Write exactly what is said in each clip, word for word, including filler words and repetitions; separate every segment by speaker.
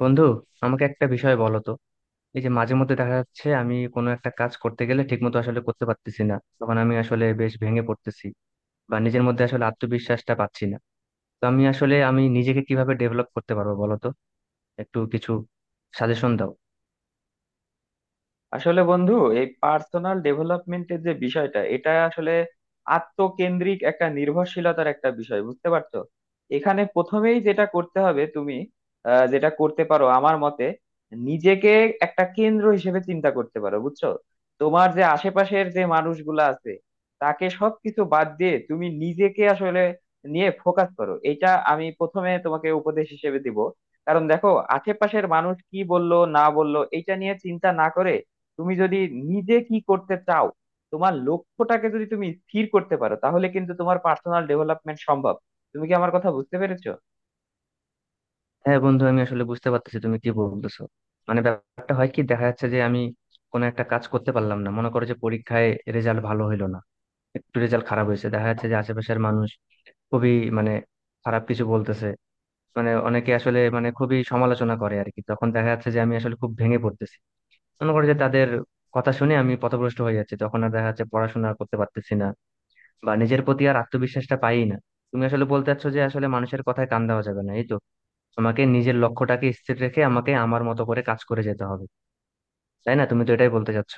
Speaker 1: বন্ধু, আমাকে একটা বিষয় বলো তো। এই যে মাঝে মধ্যে দেখা যাচ্ছে আমি কোনো একটা কাজ করতে গেলে ঠিকমতো আসলে করতে পারতেছি না, তখন আমি আসলে বেশ ভেঙে পড়তেছি বা নিজের মধ্যে আসলে আত্মবিশ্বাসটা পাচ্ছি না। তো আমি আসলে আমি নিজেকে কিভাবে ডেভেলপ করতে পারবো বলো তো, একটু কিছু সাজেশন দাও।
Speaker 2: আসলে বন্ধু, এই পার্সোনাল ডেভেলপমেন্টের যে বিষয়টা, এটা আসলে আত্মকেন্দ্রিক একটা নির্ভরশীলতার একটা বিষয়, বুঝতে পারছো। এখানে প্রথমেই যেটা করতে হবে তুমি আহ, যেটা করতে পারো আমার মতে, নিজেকে একটা কেন্দ্র হিসেবে চিন্তা করতে পারো, বুঝছো। তোমার যে আশেপাশের যে মানুষগুলো আছে তাকে সবকিছু বাদ দিয়ে তুমি নিজেকে আসলে নিয়ে ফোকাস করো, এটা আমি প্রথমে তোমাকে উপদেশ হিসেবে দিব। কারণ দেখো, আশেপাশের মানুষ কি বললো না বললো এটা নিয়ে চিন্তা না করে তুমি যদি নিজে কি করতে চাও, তোমার লক্ষ্যটাকে যদি তুমি স্থির করতে পারো, তাহলে কিন্তু তোমার পার্সোনাল ডেভেলপমেন্ট সম্ভব। তুমি কি আমার কথা বুঝতে পেরেছো?
Speaker 1: হ্যাঁ বন্ধু, আমি আসলে বুঝতে পারতেছি তুমি কি বলতেছো। মানে ব্যাপারটা হয় কি, দেখা যাচ্ছে যে আমি কোনো একটা কাজ করতে পারলাম না, মনে করো যে পরীক্ষায় রেজাল্ট ভালো হইলো না, একটু রেজাল্ট খারাপ হয়েছে। দেখা যাচ্ছে যে আশেপাশের মানুষ খুবই, মানে, খারাপ কিছু বলতেছে। মানে অনেকে আসলে মানে খুবই সমালোচনা করে আর কি। তখন দেখা যাচ্ছে যে আমি আসলে খুব ভেঙে পড়তেছি, মনে করে যে তাদের কথা শুনে আমি পথভ্রষ্ট হয়ে যাচ্ছি। তখন আর দেখা যাচ্ছে পড়াশোনা আর করতে পারতেছি না, বা নিজের প্রতি আর আত্মবিশ্বাসটা পাই না। তুমি আসলে বলতে চাচ্ছ যে আসলে মানুষের কথায় কান দেওয়া যাবে না, এই তো? আমাকে নিজের লক্ষ্যটাকে স্থির রেখে আমাকে আমার মতো করে কাজ করে যেতে হবে, তাই না? তুমি তো এটাই বলতে চাচ্ছ।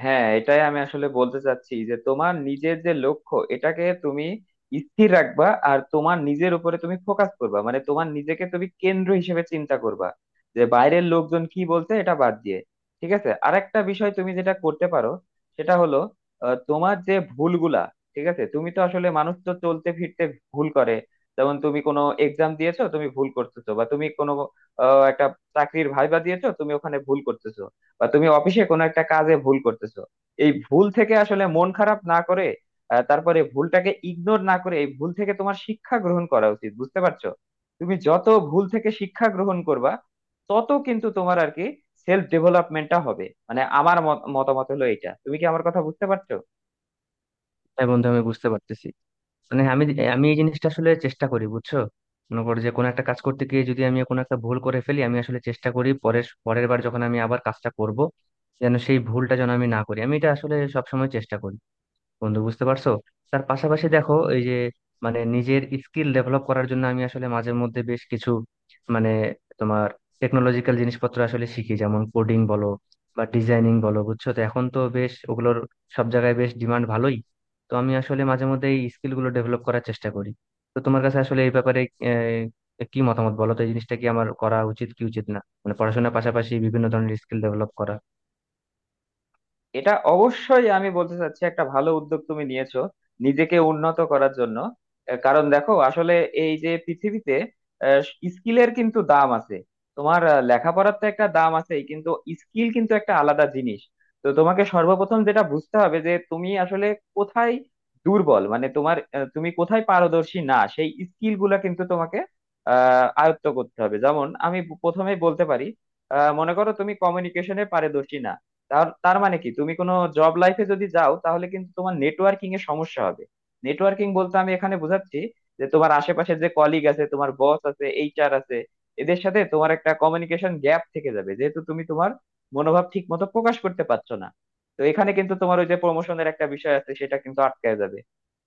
Speaker 2: হ্যাঁ, এটাই আমি আসলে বলতে চাচ্ছি যে তোমার নিজের যে লক্ষ্য, এটাকে তুমি স্থির রাখবা আর তোমার নিজের উপরে তুমি ফোকাস করবা, মানে তোমার নিজেকে তুমি কেন্দ্র হিসেবে চিন্তা করবা, যে বাইরের লোকজন কি বলছে এটা বাদ দিয়ে। ঠিক আছে, আরেকটা বিষয় তুমি যেটা করতে পারো সেটা হলো আহ, তোমার যে ভুলগুলা। ঠিক আছে, তুমি তো আসলে মানুষ, তো চলতে ফিরতে ভুল করে। যেমন তুমি কোনো এক্সাম দিয়েছো, তুমি ভুল করতেছো, বা তুমি কোনো আহ, একটা চাকরির ভাইবা দিয়েছো, তুমি ওখানে ভুল করতেছো, বা তুমি অফিসে কোনো একটা কাজে ভুল করতেছো। এই ভুল থেকে আসলে মন খারাপ না করে, আহ, তারপরে ভুলটাকে ইগনোর না করে এই ভুল থেকে তোমার শিক্ষা গ্রহণ করা উচিত, বুঝতে পারছো। তুমি যত ভুল থেকে শিক্ষা গ্রহণ করবা, তত কিন্তু তোমার আর কি সেলফ ডেভেলপমেন্টটা হবে, মানে আমার মত- মতামত হলো এটা। তুমি কি আমার কথা বুঝতে পারছো?
Speaker 1: হ্যাঁ বন্ধু, আমি বুঝতে পারতেছি। মানে আমি আমি এই জিনিসটা আসলে চেষ্টা করি বুঝছো। মনে করো যে কোনো একটা কাজ করতে গিয়ে যদি আমি কোনো একটা ভুল করে ফেলি, আমি আসলে চেষ্টা করি পরের পরের বার যখন আমি আবার কাজটা করব যেন সেই ভুলটা যেন আমি না করি। আমি এটা আসলে সবসময় চেষ্টা করি বন্ধু, বুঝতে পারছো। তার পাশাপাশি দেখো, এই যে মানে নিজের স্কিল ডেভেলপ করার জন্য আমি আসলে মাঝে মধ্যে বেশ কিছু মানে তোমার টেকনোলজিক্যাল জিনিসপত্র আসলে শিখি। যেমন কোডিং বলো বা ডিজাইনিং বলো, বুঝছো তো, এখন তো বেশ ওগুলোর সব জায়গায় বেশ ডিমান্ড ভালোই। তো আমি আসলে মাঝে মধ্যে এই স্কিল গুলো ডেভেলপ করার চেষ্টা করি। তো তোমার কাছে আসলে এই ব্যাপারে আহ, কি মতামত বলো তো? এই জিনিসটা কি আমার করা উচিত কি উচিত না, মানে পড়াশোনার পাশাপাশি বিভিন্ন ধরনের স্কিল ডেভেলপ করা।
Speaker 2: এটা অবশ্যই আমি বলতে চাচ্ছি, একটা ভালো উদ্যোগ তুমি নিয়েছো নিজেকে উন্নত করার জন্য। আহ, কারণ দেখো, আসলে এই যে পৃথিবীতে স্কিলের কিন্তু দাম আছে। তোমার আহ, লেখাপড়ার তো একটা দাম আছেই, কিন্তু স্কিল কিন্তু একটা আলাদা জিনিস। তো তোমাকে সর্বপ্রথম যেটা বুঝতে হবে যে তুমি আসলে কোথায় দুর্বল, মানে তোমার আহ, তুমি কোথায় পারদর্শী না, সেই স্কিল গুলা কিন্তু তোমাকে আহ আয়ত্ত করতে হবে। যেমন আমি প্রথমেই বলতে পারি, আহ মনে করো তুমি কমিউনিকেশনে পারদর্শী না। তার তার মানে কি, তুমি কোনো জব লাইফে যদি যাও তাহলে কিন্তু তোমার নেটওয়ার্কিং এ সমস্যা হবে। নেটওয়ার্কিং বলতে আমি এখানে বোঝাচ্ছি যে তোমার আশেপাশে যে কলিগ আছে, তোমার বস আছে, এইচআর আছে, এদের সাথে তোমার একটা কমিউনিকেশন গ্যাপ থেকে যাবে, যেহেতু তুমি তোমার মনোভাব ঠিক মতো প্রকাশ করতে পারছো না। তো এখানে কিন্তু তোমার ওই যে প্রমোশনের একটা বিষয় আছে, সেটা কিন্তু আটকায় যাবে।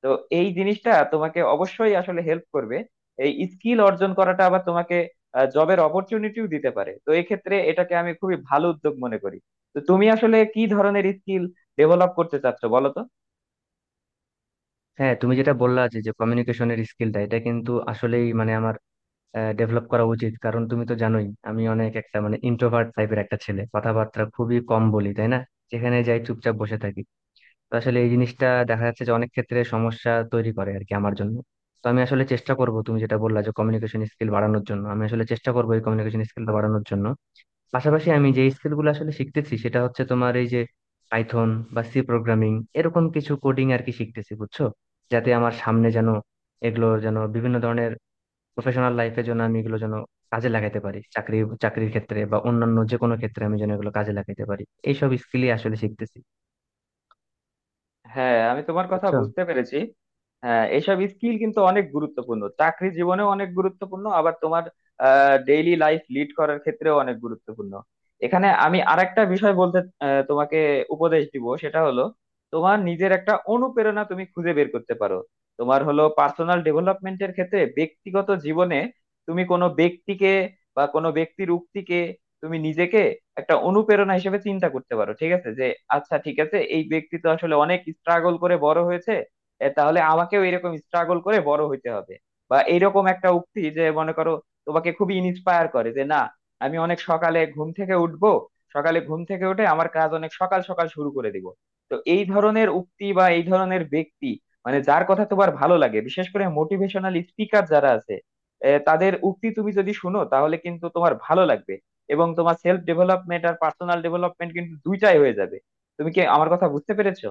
Speaker 2: তো এই জিনিসটা তোমাকে অবশ্যই আসলে হেল্প করবে, এই স্কিল অর্জন করাটা। আবার তোমাকে জবের অপরচুনিটিও দিতে পারে, তো এক্ষেত্রে এটাকে আমি খুবই ভালো উদ্যোগ মনে করি। তো তুমি আসলে কি ধরনের স্কিল ডেভেলপ করতে চাচ্ছো বলো তো?
Speaker 1: হ্যাঁ, তুমি যেটা বললা যে যে কমিউনিকেশনের স্কিলটা, এটা কিন্তু আসলেই মানে আমার ডেভেলপ করা উচিত। কারণ তুমি তো জানোই আমি অনেক একটা মানে ইন্ট্রোভার্ট টাইপের একটা ছেলে, কথাবার্তা খুবই কম বলি তাই না। যেখানে যাই চুপচাপ বসে থাকি। তো আসলে এই জিনিসটা দেখা যাচ্ছে যে অনেক ক্ষেত্রে সমস্যা তৈরি করে আর কি আমার জন্য। তো আমি আসলে চেষ্টা করব, তুমি যেটা বললা যে কমিউনিকেশন স্কিল বাড়ানোর জন্য, আমি আসলে চেষ্টা করবো এই কমিউনিকেশন স্কিলটা বাড়ানোর জন্য। পাশাপাশি আমি যে স্কিল গুলো আসলে শিখতেছি সেটা হচ্ছে তোমার এই যে পাইথন বা সি প্রোগ্রামিং, এরকম কিছু কোডিং আর কি শিখতেছি বুঝছো। যাতে আমার সামনে যেন এগুলো যেন বিভিন্ন ধরনের প্রফেশনাল লাইফের জন্য আমি এগুলো যেন কাজে লাগাইতে পারি, চাকরি চাকরির ক্ষেত্রে বা অন্যান্য যে কোনো ক্ষেত্রে আমি যেন এগুলো কাজে লাগাইতে পারি। এইসব স্কিলই আসলে শিখতেছি
Speaker 2: হ্যাঁ, আমি তোমার কথা
Speaker 1: বুঝছো।
Speaker 2: বুঝতে পেরেছি। হ্যাঁ, এইসব স্কিল কিন্তু অনেক গুরুত্বপূর্ণ, চাকরি জীবনেও অনেক গুরুত্বপূর্ণ, আবার তোমার ডেইলি লাইফ লিড করার ক্ষেত্রেও অনেক গুরুত্বপূর্ণ। এখানে আমি আরেকটা বিষয় বলতে আহ, তোমাকে উপদেশ দিব, সেটা হলো তোমার নিজের একটা অনুপ্রেরণা তুমি খুঁজে বের করতে পারো। তোমার হলো পার্সোনাল ডেভেলপমেন্টের ক্ষেত্রে ব্যক্তিগত জীবনে তুমি কোনো ব্যক্তিকে বা কোনো ব্যক্তির উক্তিকে তুমি নিজেকে একটা অনুপ্রেরণা হিসেবে চিন্তা করতে পারো, ঠিক আছে। যে আচ্ছা, ঠিক আছে, এই ব্যক্তি তো আসলে অনেক স্ট্রাগল করে বড় হয়েছে, এ তাহলে আমাকেও এরকম স্ট্রাগল করে বড় হইতে হবে। বা এইরকম একটা উক্তি যে, মনে করো, তোমাকে খুবই ইন্সপায়ার করে যে না, আমি অনেক সকালে ঘুম থেকে উঠবো, সকালে ঘুম থেকে উঠে আমার কাজ অনেক সকাল সকাল শুরু করে দিব। তো এই ধরনের উক্তি বা এই ধরনের ব্যক্তি, মানে যার কথা তোমার ভালো লাগে, বিশেষ করে মোটিভেশনাল স্পিকার যারা আছে এ, তাদের উক্তি তুমি যদি শুনো তাহলে কিন্তু তোমার ভালো লাগবে, এবং তোমার সেলফ ডেভেলপমেন্ট আর পার্সোনাল ডেভেলপমেন্ট কিন্তু দুইটাই হয়ে যাবে। তুমি কি আমার কথা বুঝতে পেরেছো?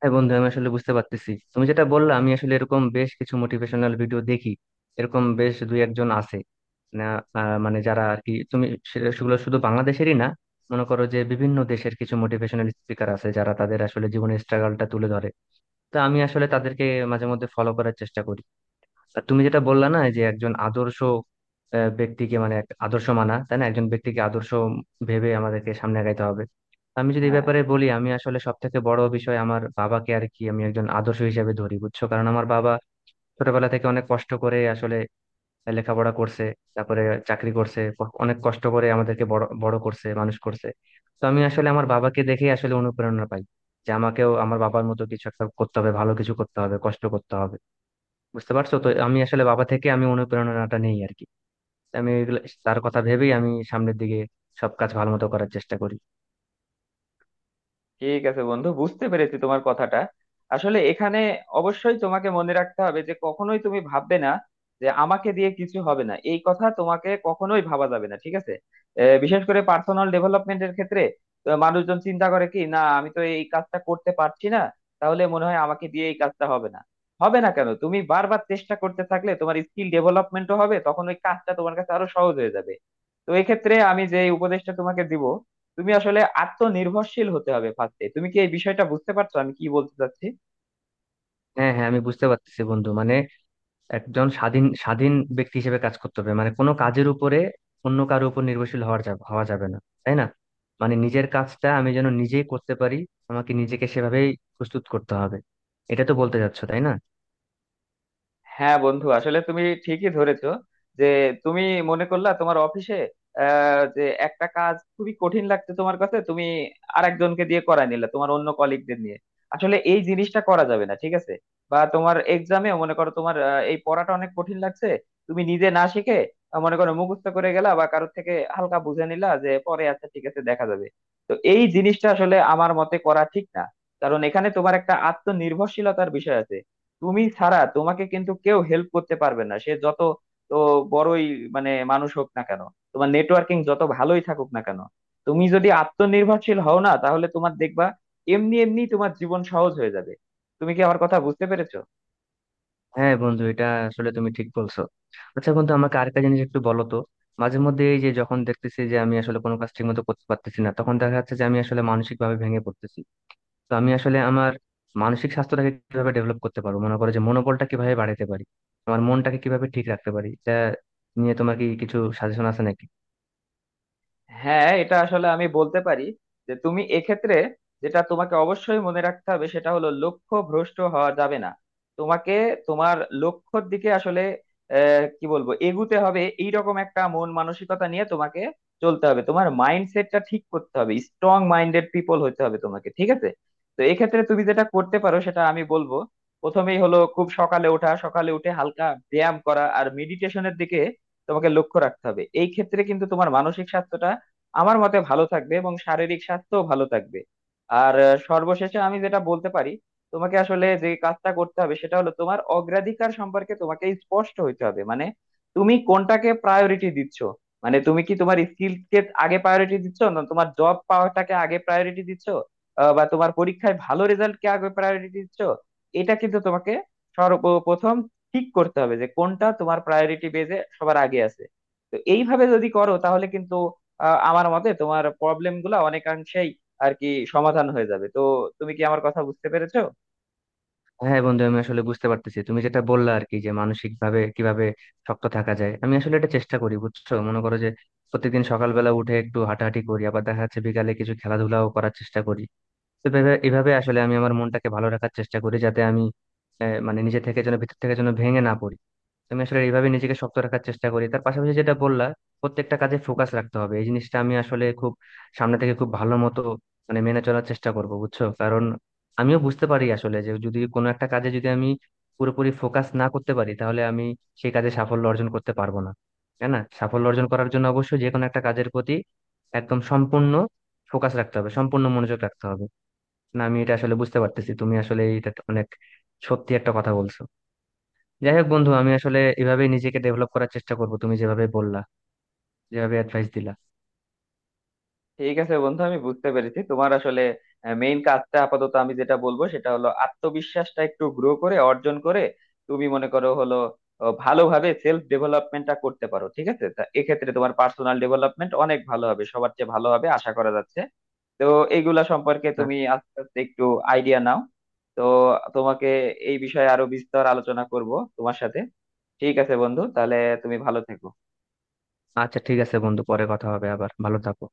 Speaker 1: হ্যাঁ বন্ধু, আমি আসলে বুঝতে পারতেছি তুমি যেটা বললা। আমি আসলে এরকম বেশ কিছু মোটিভেশনাল ভিডিও দেখি, এরকম বেশ দুই একজন আছে, না, আহ, মানে যারা আর কি তুমি, সে- সেগুলো শুধু বাংলাদেশেরই না। মনে করো যে বিভিন্ন দেশের কিছু মোটিভেশনাল স্পিকার আছে যারা তাদের আসলে জীবনের স্ট্রাগলটা তুলে ধরে। তো আমি আসলে তাদেরকে মাঝে মধ্যে ফলো করার চেষ্টা করি। আর তুমি যেটা বললা না যে একজন আদর্শ আহ, ব্যক্তিকে, মানে এক আদর্শ মানা তাই না, একজন ব্যক্তিকে আদর্শ ভেবে আমাদেরকে সামনে আগাইতে হবে। আমি যদি এই
Speaker 2: হ্যাঁ,
Speaker 1: ব্যাপারে বলি, আমি আসলে সব থেকে বড় বিষয়, আমার বাবাকে আর কি আমি একজন আদর্শ হিসেবে ধরি, বুঝছো। কারণ আমার বাবা ছোটবেলা থেকে অনেক কষ্ট করে আসলে লেখাপড়া করছে, তারপরে চাকরি করছে, ক- অনেক কষ্ট করে আমাদেরকে বড় বড় করছে, মানুষ করছে। তো আমি আসলে আমার বাবাকে দেখেই আসলে অনুপ্রেরণা পাই যে আমাকেও আমার বাবার মতো কিছু একটা করতে হবে, ভালো কিছু করতে হবে, কষ্ট করতে হবে, বুঝতে পারছো। তো আমি আসলে বাবা থেকে আমি অনুপ্রেরণাটা নেই আর কি। আমি এগুলো, তার কথা ভেবেই আমি সামনের দিকে সব কাজ ভালো মতো করার চেষ্টা করি।
Speaker 2: ঠিক আছে বন্ধু, বুঝতে পেরেছি তোমার কথাটা। আসলে এখানে অবশ্যই তোমাকে মনে রাখতে হবে যে কখনোই তুমি ভাববে না যে আমাকে দিয়ে কিছু হবে না, এই কথা তোমাকে কখনোই ভাবা যাবে না, ঠিক আছে। আহ, বিশেষ করে পার্সোনাল ডেভেলপমেন্টের ক্ষেত্রে। তো মানুষজন চিন্তা করে কি না, আমি তো এই কাজটা করতে পারছি না, তাহলে মনে হয় আমাকে দিয়ে এই কাজটা হবে না। হবে না কেন? তুমি বারবার চেষ্টা করতে থাকলে তোমার স্কিল ডেভেলপমেন্টও হবে, তখন ওই কাজটা তোমার কাছে আরো সহজ হয়ে যাবে। তো এক্ষেত্রে আমি যে উপদেশটা তোমাকে দিব, তুমি আসলে আত্মনির্ভরশীল হতে হবে ফার্স্টে। তুমি কি এই বিষয়টা বুঝতে পারছো আমি কি বলতে চাচ্ছি?
Speaker 1: হ্যাঁ হ্যাঁ, আমি বুঝতে পারতেছি বন্ধু। মানে একজন স্বাধীন স্বাধীন ব্যক্তি হিসেবে কাজ করতে হবে। মানে কোনো কাজের উপরে অন্য কারো উপর নির্ভরশীল হওয়া যাবে হওয়া যাবে না, তাই না। মানে নিজের কাজটা আমি যেন নিজেই করতে পারি, আমাকে নিজেকে সেভাবেই প্রস্তুত করতে হবে। এটা তো বলতে চাচ্ছো তাই না?
Speaker 2: হ্যাঁ বন্ধু, আসলে তুমি ঠিকই ধরেছো। যে তুমি মনে করলা তোমার অফিসে আহ, যে একটা কাজ খুবই কঠিন লাগছে তোমার কাছে, তুমি আরেকজনকে দিয়ে করায় নিলে তোমার অন্য কলিগদের নিয়ে, আসলে এই জিনিসটা করা যাবে না, ঠিক আছে। বা তোমার এক্সামে মনে করো তোমার আহ, এই পড়াটা অনেক কঠিন লাগছে, তুমি নিজে না শিখে আহ, মনে করো মুখস্থ করে গেলা বা কারোর থেকে হালকা বুঝে নিলা যে পরে আচ্ছা ঠিক আছে দেখা যাবে। তো এই জিনিসটা আসলে আমার মতে করা ঠিক না, কারণ এখানে তোমার একটা আত্মনির্ভরশীলতার বিষয় আছে। তুমি ছাড়া তোমাকে কিন্তু কেউ হেল্প করতে পারবে না, সে যত তো বড়ই মানে মানুষ হোক না কেন, তোমার নেটওয়ার্কিং যত ভালোই থাকুক না কেন, তুমি যদি আত্মনির্ভরশীল হও না, তাহলে তোমার দেখবা এমনি এমনি তোমার জীবন সহজ হয়ে যাবে। তুমি কি আমার কথা বুঝতে পেরেছো?
Speaker 1: হ্যাঁ বন্ধু, এটা আসলে তুমি ঠিক বলছো। আচ্ছা বন্ধু, আমাকে আরেকটা জিনিস একটু বলো তো। মাঝে মধ্যে এই যে যখন দেখতেছি যে আমি আসলে কোনো কাজ ঠিক মতো করতে পারতেছি না, তখন দেখা যাচ্ছে যে আমি আসলে মানসিক ভাবে ভেঙে পড়তেছি। তো আমি আসলে আমার মানসিক স্বাস্থ্যটাকে কিভাবে ডেভেলপ করতে পারবো, মনে করো যে মনোবলটা কিভাবে বাড়াতে পারি, আমার মনটাকে কিভাবে ঠিক রাখতে পারি, এটা নিয়ে তোমার কি কিছু সাজেশন আছে নাকি?
Speaker 2: হ্যাঁ, এটা আসলে আমি বলতে পারি যে তুমি এক্ষেত্রে যেটা তোমাকে অবশ্যই মনে রাখতে হবে সেটা হলো, লক্ষ্য ভ্রষ্ট হওয়া যাবে না। তোমাকে তোমার লক্ষ্যর দিকে আসলে আহ, কি বলবো, এগুতে হবে, এইরকম একটা মন মানসিকতা নিয়ে তোমাকে চলতে হবে। তোমার মাইন্ডসেটটা ঠিক করতে হবে, স্ট্রং মাইন্ডেড পিপল হতে হবে তোমাকে, ঠিক আছে। তো এক্ষেত্রে তুমি যেটা করতে পারো সেটা আমি বলবো, প্রথমেই হলো খুব সকালে ওঠা, সকালে উঠে হালকা ব্যায়াম করা আর মেডিটেশনের দিকে তোমাকে লক্ষ্য রাখতে হবে। এই ক্ষেত্রে কিন্তু তোমার মানসিক স্বাস্থ্যটা আমার মতে ভালো থাকবে এবং শারীরিক স্বাস্থ্য ভালো থাকবে। আর আহ, সর্বশেষে আমি যেটা বলতে পারি, তোমাকে আসলে যে কাজটা করতে হবে সেটা হলো তোমার অগ্রাধিকার সম্পর্কে তোমাকে স্পষ্ট হইতে হবে, মানে তুমি কোনটাকে প্রায়োরিটি দিচ্ছ, মানে তুমি কি তোমার স্কিলকে আগে প্রায়োরিটি দিচ্ছ, না তোমার জব পাওয়াটাকে আগে প্রায়োরিটি দিচ্ছ, আহ, বা তোমার পরীক্ষায় ভালো রেজাল্টকে আগে প্রায়োরিটি দিচ্ছ। এটা কিন্তু তোমাকে সর্বপ্রথম ঠিক করতে হবে যে কোনটা তোমার প্রায়োরিটি বেজে সবার আগে আছে। তো এইভাবে যদি করো তাহলে কিন্তু আহ, আমার মতে তোমার প্রবলেম গুলা অনেকাংশেই আর কি সমাধান হয়ে যাবে। তো তুমি কি আমার কথা বুঝতে পেরেছো?
Speaker 1: হ্যাঁ বন্ধু, আমি আসলে বুঝতে পারতেছি তুমি যেটা বললা আর কি, যে মানসিক ভাবে কিভাবে শক্ত থাকা যায়। আমি আসলে এটা চেষ্টা করি বুঝছো। মনে করো যে প্রত্যেকদিন সকালবেলা উঠে একটু হাঁটাহাঁটি করি, আবার দেখা যাচ্ছে বিকালে কিছু খেলাধুলাও করার চেষ্টা করি। তো এভাবে এভাবে আসলে আমি আমার মনটাকে ভালো রাখার চেষ্টা করি, যাতে আমি আহ, মানে নিজে থেকে যেন ভিতর থেকে যেন ভেঙে না পড়ি। তো আমি আসলে এইভাবে নিজেকে শক্ত রাখার চেষ্টা করি। তার পাশাপাশি যেটা বললা, প্রত্যেকটা কাজে ফোকাস রাখতে হবে, এই জিনিসটা আমি আসলে খুব সামনে থেকে খুব ভালো মতো মানে মেনে চলার চেষ্টা করব বুঝছো। কারণ আমিও বুঝতে পারি আসলে যে যদি কোনো একটা কাজে যদি আমি পুরোপুরি ফোকাস না করতে পারি তাহলে আমি সেই কাজে সাফল্য অর্জন করতে পারবো না, তাই না? সাফল্য অর্জন করার জন্য অবশ্যই যে কোনো একটা কাজের প্রতি একদম সম্পূর্ণ ফোকাস রাখতে হবে, সম্পূর্ণ মনোযোগ রাখতে হবে। না, আমি এটা আসলে বুঝতে পারতেছি, তুমি আসলে এটা অনেক সত্যি একটা কথা বলছো। যাই হোক বন্ধু, আমি আসলে এভাবেই নিজেকে ডেভেলপ করার চেষ্টা করব তুমি যেভাবে বললা, যেভাবে অ্যাডভাইস দিলা।
Speaker 2: ঠিক আছে বন্ধু, আমি বুঝতে পেরেছি। তোমার আসলে মেইন কাজটা আপাতত আমি যেটা বলবো সেটা হলো আত্মবিশ্বাসটা একটু গ্রো করে, অর্জন করে তুমি মনে করো হলো আহ, ভালোভাবে সেলফ ডেভেলপমেন্টটা করতে পারো, ঠিক আছে। তা এক্ষেত্রে তোমার পার্সোনাল ডেভেলপমেন্ট অনেক ভালো হবে, সবার চেয়ে ভালো হবে আশা করা যাচ্ছে। তো এইগুলা সম্পর্কে
Speaker 1: হ্যাঁ
Speaker 2: তুমি আস্তে আস্তে একটু আইডিয়া নাও। তো তোমাকে এই বিষয়ে আরো বিস্তর আলোচনা করব তোমার সাথে। ঠিক আছে বন্ধু, তাহলে তুমি ভালো থেকো।
Speaker 1: আচ্ছা, ঠিক আছে বন্ধু, পরে কথা হবে আবার। ভালো থাকো।